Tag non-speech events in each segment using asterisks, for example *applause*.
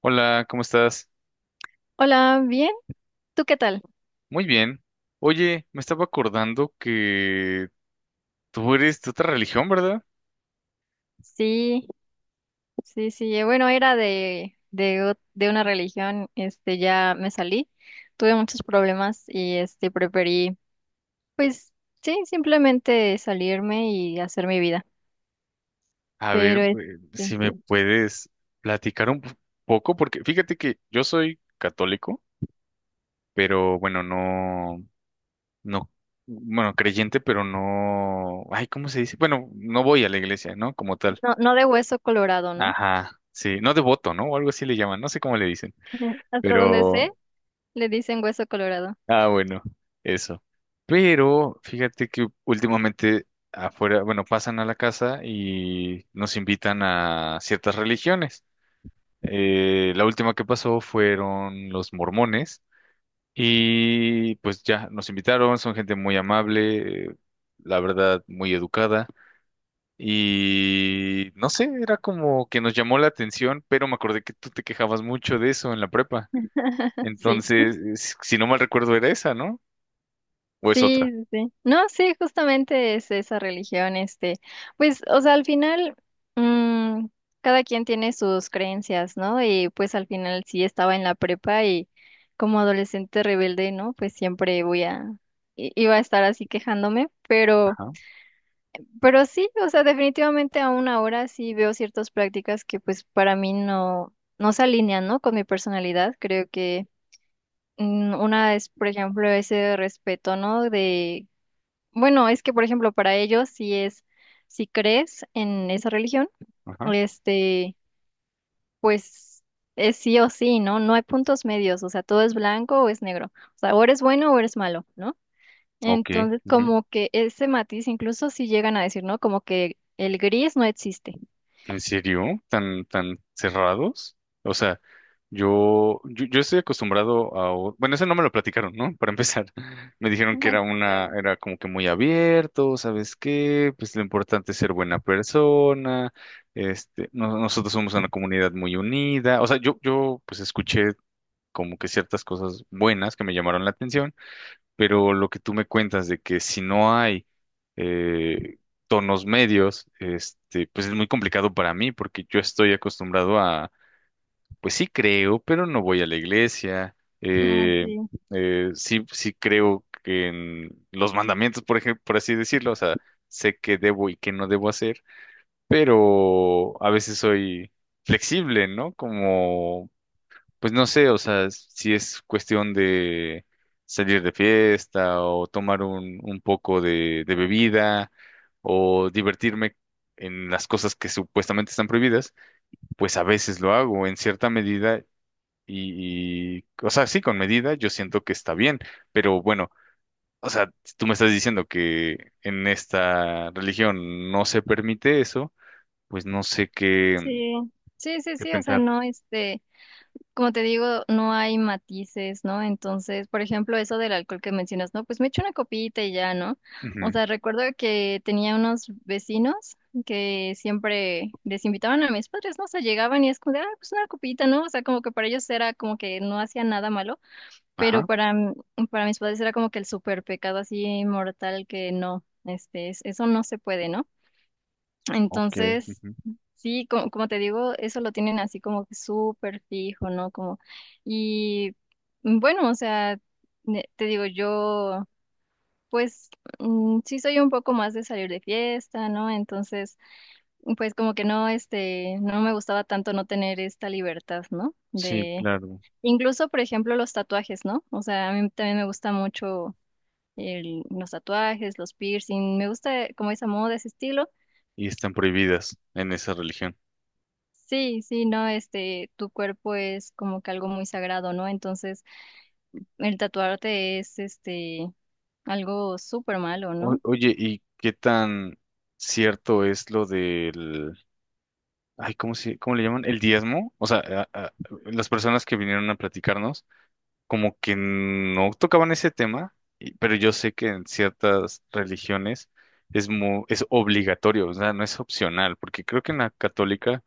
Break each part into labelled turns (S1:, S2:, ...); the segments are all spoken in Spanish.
S1: Hola, ¿cómo estás?
S2: Hola, bien, ¿tú qué tal?
S1: Muy bien. Oye, me estaba acordando que tú eres de otra religión, ¿verdad?
S2: Sí, sí, sí, bueno, era de una religión, ya me salí, tuve muchos problemas y, preferí, pues, sí, simplemente salirme y hacer mi vida,
S1: A ver,
S2: pero,
S1: si me puedes platicar un poco, porque fíjate que yo soy católico, pero bueno, no, no, bueno, creyente, pero no, ay, ¿cómo se dice? Bueno, no voy a la iglesia, ¿no? Como tal.
S2: no, no de hueso colorado, ¿no?
S1: Ajá, sí, no devoto, ¿no? O algo así le llaman, no sé cómo le dicen. Oh,
S2: *laughs* Hasta donde sé,
S1: pero,
S2: le dicen hueso colorado.
S1: ah, bueno, eso. Pero fíjate que últimamente afuera, bueno, pasan a la casa y nos invitan a ciertas religiones. La última que pasó fueron los mormones y pues ya nos invitaron, son gente muy amable, la verdad, muy educada. Y no sé, era como que nos llamó la atención, pero me acordé que tú te quejabas mucho de eso en la prepa.
S2: *laughs* Sí.
S1: Entonces, si no mal recuerdo, era esa, ¿no? ¿O es
S2: Sí,
S1: otra?
S2: sí, sí. No, sí, justamente es esa religión, pues, o sea, al final, mm, cada quien tiene sus creencias, ¿no? Y pues al final sí estaba en la prepa y como adolescente rebelde, ¿no? Pues siempre voy a, iba a estar así quejándome,
S1: Ajá.
S2: pero sí, o sea, definitivamente aún ahora sí veo ciertas prácticas que pues para mí no, no se alinean, ¿no? Con mi personalidad, creo que una es, por ejemplo, ese respeto, ¿no? De bueno, es que, por ejemplo, para ellos, si es, si crees en esa religión,
S1: Ajá,
S2: este, pues es sí o sí, ¿no? No hay puntos medios, o sea, todo es blanco o es negro, o sea, o eres bueno o eres malo, ¿no?
S1: ok.
S2: Entonces,
S1: Ujú.
S2: como que ese matiz, incluso si llegan a decir, ¿no? Como que el gris no existe.
S1: ¿En serio? ¿Tan, tan cerrados? O sea, yo estoy acostumbrado a... Bueno, eso no me lo platicaron, ¿no? Para empezar, *laughs* me dijeron
S2: *laughs*
S1: que
S2: Ah,
S1: era
S2: sí, claro.
S1: era como que muy abierto, ¿sabes qué? Pues lo importante es ser buena persona, este, nosotros somos una comunidad muy unida. O sea, yo pues escuché como que ciertas cosas buenas que me llamaron la atención. Pero lo que tú me cuentas de que si no hay eh, tonos medios, este, pues es muy complicado para mí porque yo estoy acostumbrado a, pues sí creo, pero no voy a la iglesia,
S2: Ah,
S1: eh,
S2: sí.
S1: sí, sí creo que en los mandamientos, por ejemplo, por así decirlo, o sea, sé qué debo y qué no debo hacer, pero a veces soy flexible, ¿no? Como pues no sé, o sea, si es cuestión de salir de fiesta o tomar un poco de bebida o divertirme en las cosas que supuestamente están prohibidas, pues a veces lo hago en cierta medida o sea, sí, con medida yo siento que está bien, pero bueno, o sea, tú me estás diciendo que en esta religión no se permite eso, pues no sé qué,
S2: Sí, sí, sí,
S1: qué
S2: sí, o sea,
S1: pensar.
S2: no, este. Como te digo, no hay matices, ¿no? Entonces, por ejemplo, eso del alcohol que mencionas, ¿no? Pues me echo una copita y ya, ¿no? O
S1: Ujú,
S2: sea, recuerdo que tenía unos vecinos que siempre les invitaban a mis padres, ¿no? O sea, llegaban y es como de, ah, pues una copita, ¿no? O sea, como que para ellos era como que no hacía nada malo, pero
S1: ajá,
S2: para, para mis padres era como que el súper pecado así mortal que no, eso no se puede, ¿no?
S1: ok.
S2: Entonces,
S1: Ujú,
S2: sí, como, como te digo, eso lo tienen así como que súper fijo, ¿no? Como, y bueno, o sea, te digo, yo, pues, sí soy un poco más de salir de fiesta, ¿no? Entonces, pues como que no, no me gustaba tanto no tener esta libertad, ¿no?
S1: sí,
S2: De,
S1: claro.
S2: incluso, por ejemplo, los tatuajes, ¿no? O sea, a mí también me gusta mucho los tatuajes, los piercing, me gusta como esa moda, ese estilo.
S1: Y están prohibidas en esa religión.
S2: Sí, sí, no, tu cuerpo es como que algo muy sagrado, ¿no? Entonces, el tatuarte es, algo súper malo, ¿no?
S1: Oye, ¿y qué tan cierto es lo del... ay, ¿cómo se, cómo le llaman? ¿El diezmo? O sea, las personas que vinieron a platicarnos como que no tocaban ese tema, pero yo sé que en ciertas religiones es es obligatorio, o sea, no es opcional, porque creo que en la católica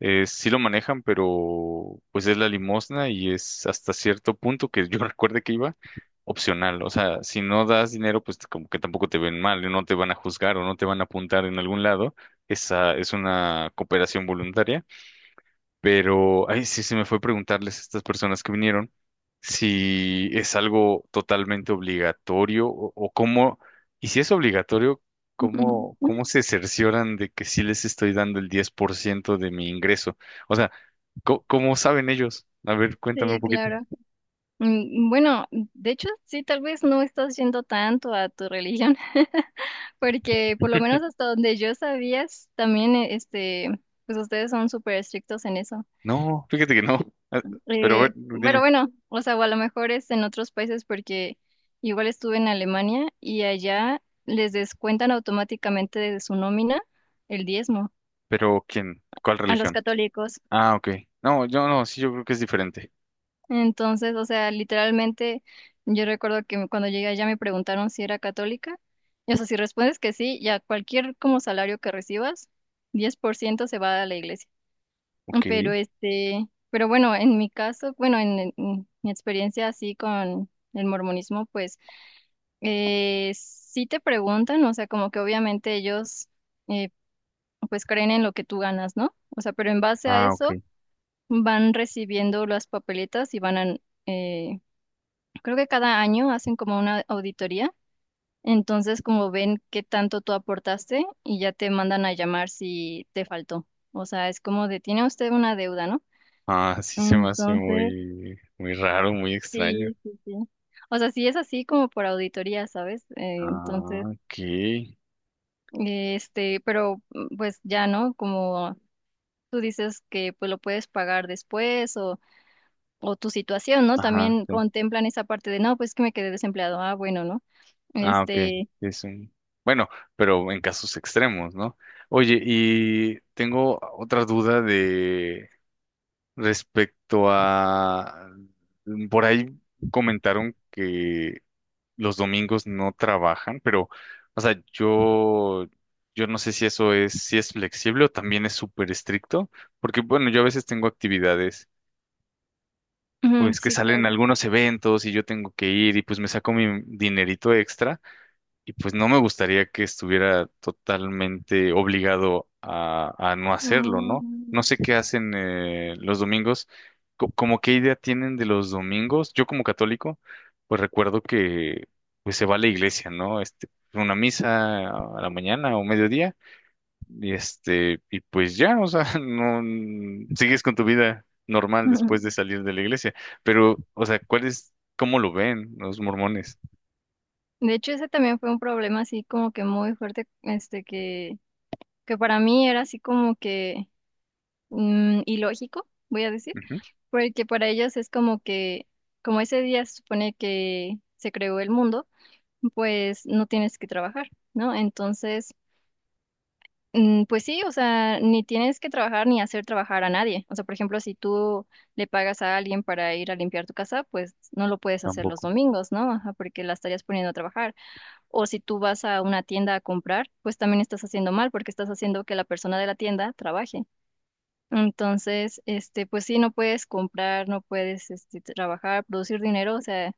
S1: sí lo manejan, pero pues es la limosna y es hasta cierto punto que yo *laughs* recuerde que iba opcional, o sea, si no das dinero, pues como que tampoco te ven mal, no te van a juzgar o no te van a apuntar en algún lado, esa es una cooperación voluntaria, pero, ay, sí, se me fue preguntarles a estas personas que vinieron si es algo totalmente obligatorio o cómo, y si es obligatorio, cómo,
S2: *laughs*
S1: cómo se cercioran de que sí les estoy dando el 10% de mi ingreso. O sea, ¿cómo, saben ellos? A ver, cuéntame un
S2: Sí,
S1: poquito.
S2: claro. Bueno, de hecho, sí, tal vez no estás yendo tanto a tu religión, *laughs* porque por lo menos hasta donde yo sabías, también, pues ustedes son súper estrictos en eso.
S1: No, fíjate que no. Ah, pero, a ver,
S2: Eh, pero
S1: dime,
S2: bueno, o sea, o a lo mejor es en otros países porque igual estuve en Alemania y allá les descuentan automáticamente de su nómina el diezmo
S1: ¿pero quién? ¿Cuál
S2: a los
S1: religión?
S2: católicos.
S1: Ah, ok. No, yo no, sí, yo creo que es diferente.
S2: Entonces, o sea, literalmente yo recuerdo que cuando llegué allá me preguntaron si era católica. Y o sea, si respondes que sí, ya cualquier como salario que recibas, 10% se va a la iglesia.
S1: Ok.
S2: Pero pero bueno, en mi caso, bueno, en mi experiencia así con el mormonismo, pues sí te preguntan, o sea, como que obviamente ellos eh, pues creen en lo que tú ganas, ¿no? O sea, pero en base a
S1: Ah,
S2: eso
S1: ok.
S2: van recibiendo las papeletas y van a, eh, creo que cada año hacen como una auditoría, entonces como ven qué tanto tú aportaste y ya te mandan a llamar si te faltó. O sea, es como de, tiene usted una deuda, ¿no?
S1: Ah, sí se me hace
S2: Entonces,
S1: muy, muy raro, muy extraño.
S2: sí, sí, sí. O sea, sí es así como por auditoría, ¿sabes?
S1: Ah,
S2: Entonces...
S1: ok.
S2: Pero pues ya, ¿no? Como tú dices que pues lo puedes pagar después o tu situación, ¿no?
S1: Ajá,
S2: También
S1: sí.
S2: contemplan esa parte de, no, pues que me quedé desempleado. Ah, bueno, ¿no?
S1: Ah, ok.
S2: Este,
S1: Es un... bueno, pero en casos extremos, ¿no? Oye, y tengo otra duda de respecto a... por ahí comentaron que los domingos no trabajan, pero, o sea, yo no sé si eso es, si es flexible o también es súper estricto, porque, bueno, yo a veces tengo actividades
S2: ujú,
S1: pues que
S2: sí,
S1: salen
S2: claro.
S1: algunos eventos y yo tengo que ir y pues me saco mi dinerito extra y pues no me gustaría que estuviera totalmente obligado a no hacerlo, ¿no? No sé
S2: Mm.
S1: qué hacen los domingos, como qué idea tienen de los domingos. Yo como católico, pues recuerdo que pues se va a la iglesia, ¿no? Este, una misa a la mañana o mediodía y este, y pues ya, o sea, *laughs* no sigues con tu vida normal después de
S2: *laughs*
S1: salir de la iglesia. Pero, o sea, ¿cuál es, cómo lo ven los mormones?
S2: De hecho, ese también fue un problema así como que muy fuerte, que para mí era así como que ilógico, voy a decir,
S1: Ujú,
S2: porque para ellos es como que, como ese día se supone que se creó el mundo. Pues no tienes que trabajar, ¿no? Entonces, pues sí, o sea, ni tienes que trabajar ni hacer trabajar a nadie. O sea, por ejemplo, si tú le pagas a alguien para ir a limpiar tu casa, pues no lo puedes hacer los
S1: tampoco.
S2: domingos, ¿no? Ajá, porque la estarías poniendo a trabajar. O si tú vas a una tienda a comprar, pues también estás haciendo mal porque estás haciendo que la persona de la tienda trabaje. Entonces, pues sí, no puedes comprar, no puedes, trabajar, producir dinero, o sea,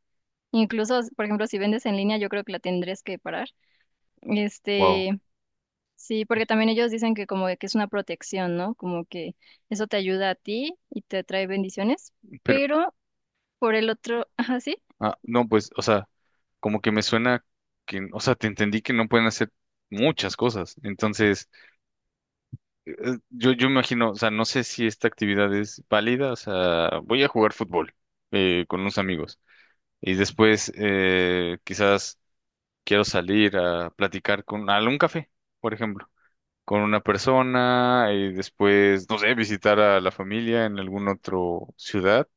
S2: incluso, por ejemplo, si vendes en línea, yo creo que la tendrías que parar
S1: Wow.
S2: este, sí, porque también ellos dicen que como que es una protección, ¿no? Como que eso te ayuda a ti y te trae bendiciones,
S1: Pero,
S2: pero por el otro, *laughs* ajá, sí,
S1: ah, no, pues, o sea, como que me suena que, o sea, te entendí que no pueden hacer muchas cosas. Entonces, yo imagino, o sea, no sé si esta actividad es válida, o sea, voy a jugar fútbol con unos amigos. Y después, quizás quiero salir a platicar con a un café, por ejemplo, con una persona y después, no sé, visitar a la familia en algún otro ciudad.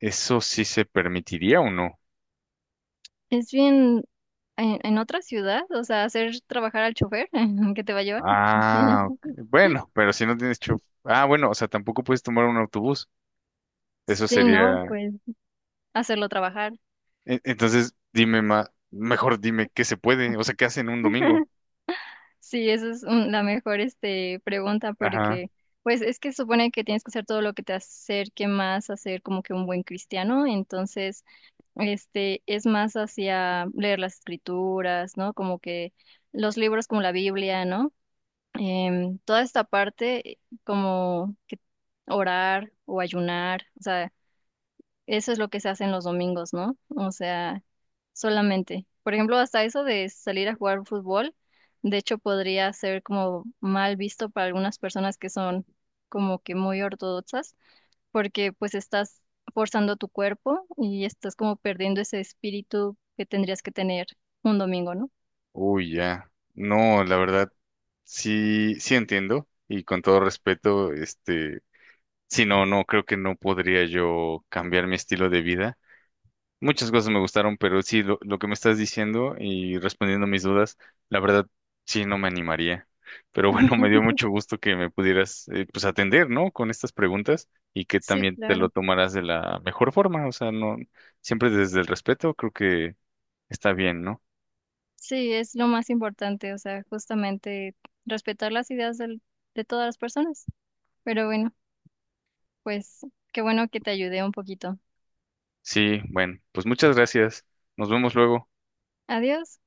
S1: ¿Eso sí se permitiría o no?
S2: es bien en otra ciudad, o sea, hacer trabajar al chofer *laughs* que te va a llevar.
S1: Ah, ok.
S2: *laughs*
S1: Bueno, pero si no tienes chofer. Ah, bueno, o sea, tampoco puedes tomar un autobús. Eso
S2: Sí, ¿no?
S1: sería.
S2: Pues hacerlo trabajar.
S1: Entonces, dime más, mejor dime qué se puede, o sea, qué hacen un domingo.
S2: Sí, esa es la mejor pregunta
S1: Ajá.
S2: porque pues es que supone que tienes que hacer todo lo que te acerque más a ser como que un buen cristiano, entonces es más hacia leer las escrituras, ¿no? Como que los libros como la Biblia, ¿no? Toda esta parte como que orar o ayunar, o sea, eso es lo que se hace en los domingos, ¿no? O sea, solamente. Por ejemplo, hasta eso de salir a jugar fútbol, de hecho podría ser como mal visto para algunas personas que son como que muy ortodoxas porque pues estás forzando tu cuerpo y estás como perdiendo ese espíritu que tendrías que tener un domingo, ¿no?
S1: Uy, ya. No, la verdad, sí, sí entiendo. Y con todo respeto, este, sí, no, no, creo que no podría yo cambiar mi estilo de vida. Muchas cosas me gustaron, pero sí, lo que me estás diciendo y respondiendo mis dudas, la verdad, sí, no me animaría. Pero bueno, *laughs* me dio
S2: Ujú.
S1: mucho gusto que me pudieras, pues, atender, ¿no? Con estas preguntas y que
S2: Sí,
S1: también te lo
S2: claro.
S1: tomaras de la mejor forma. O sea, no, siempre desde el respeto, creo que está bien, ¿no?
S2: Sí, es lo más importante, o sea, justamente respetar las ideas de todas las personas. Pero bueno, pues qué bueno que te ayudé un poquito.
S1: Sí, bueno, pues muchas gracias. Nos vemos luego.
S2: Adiós.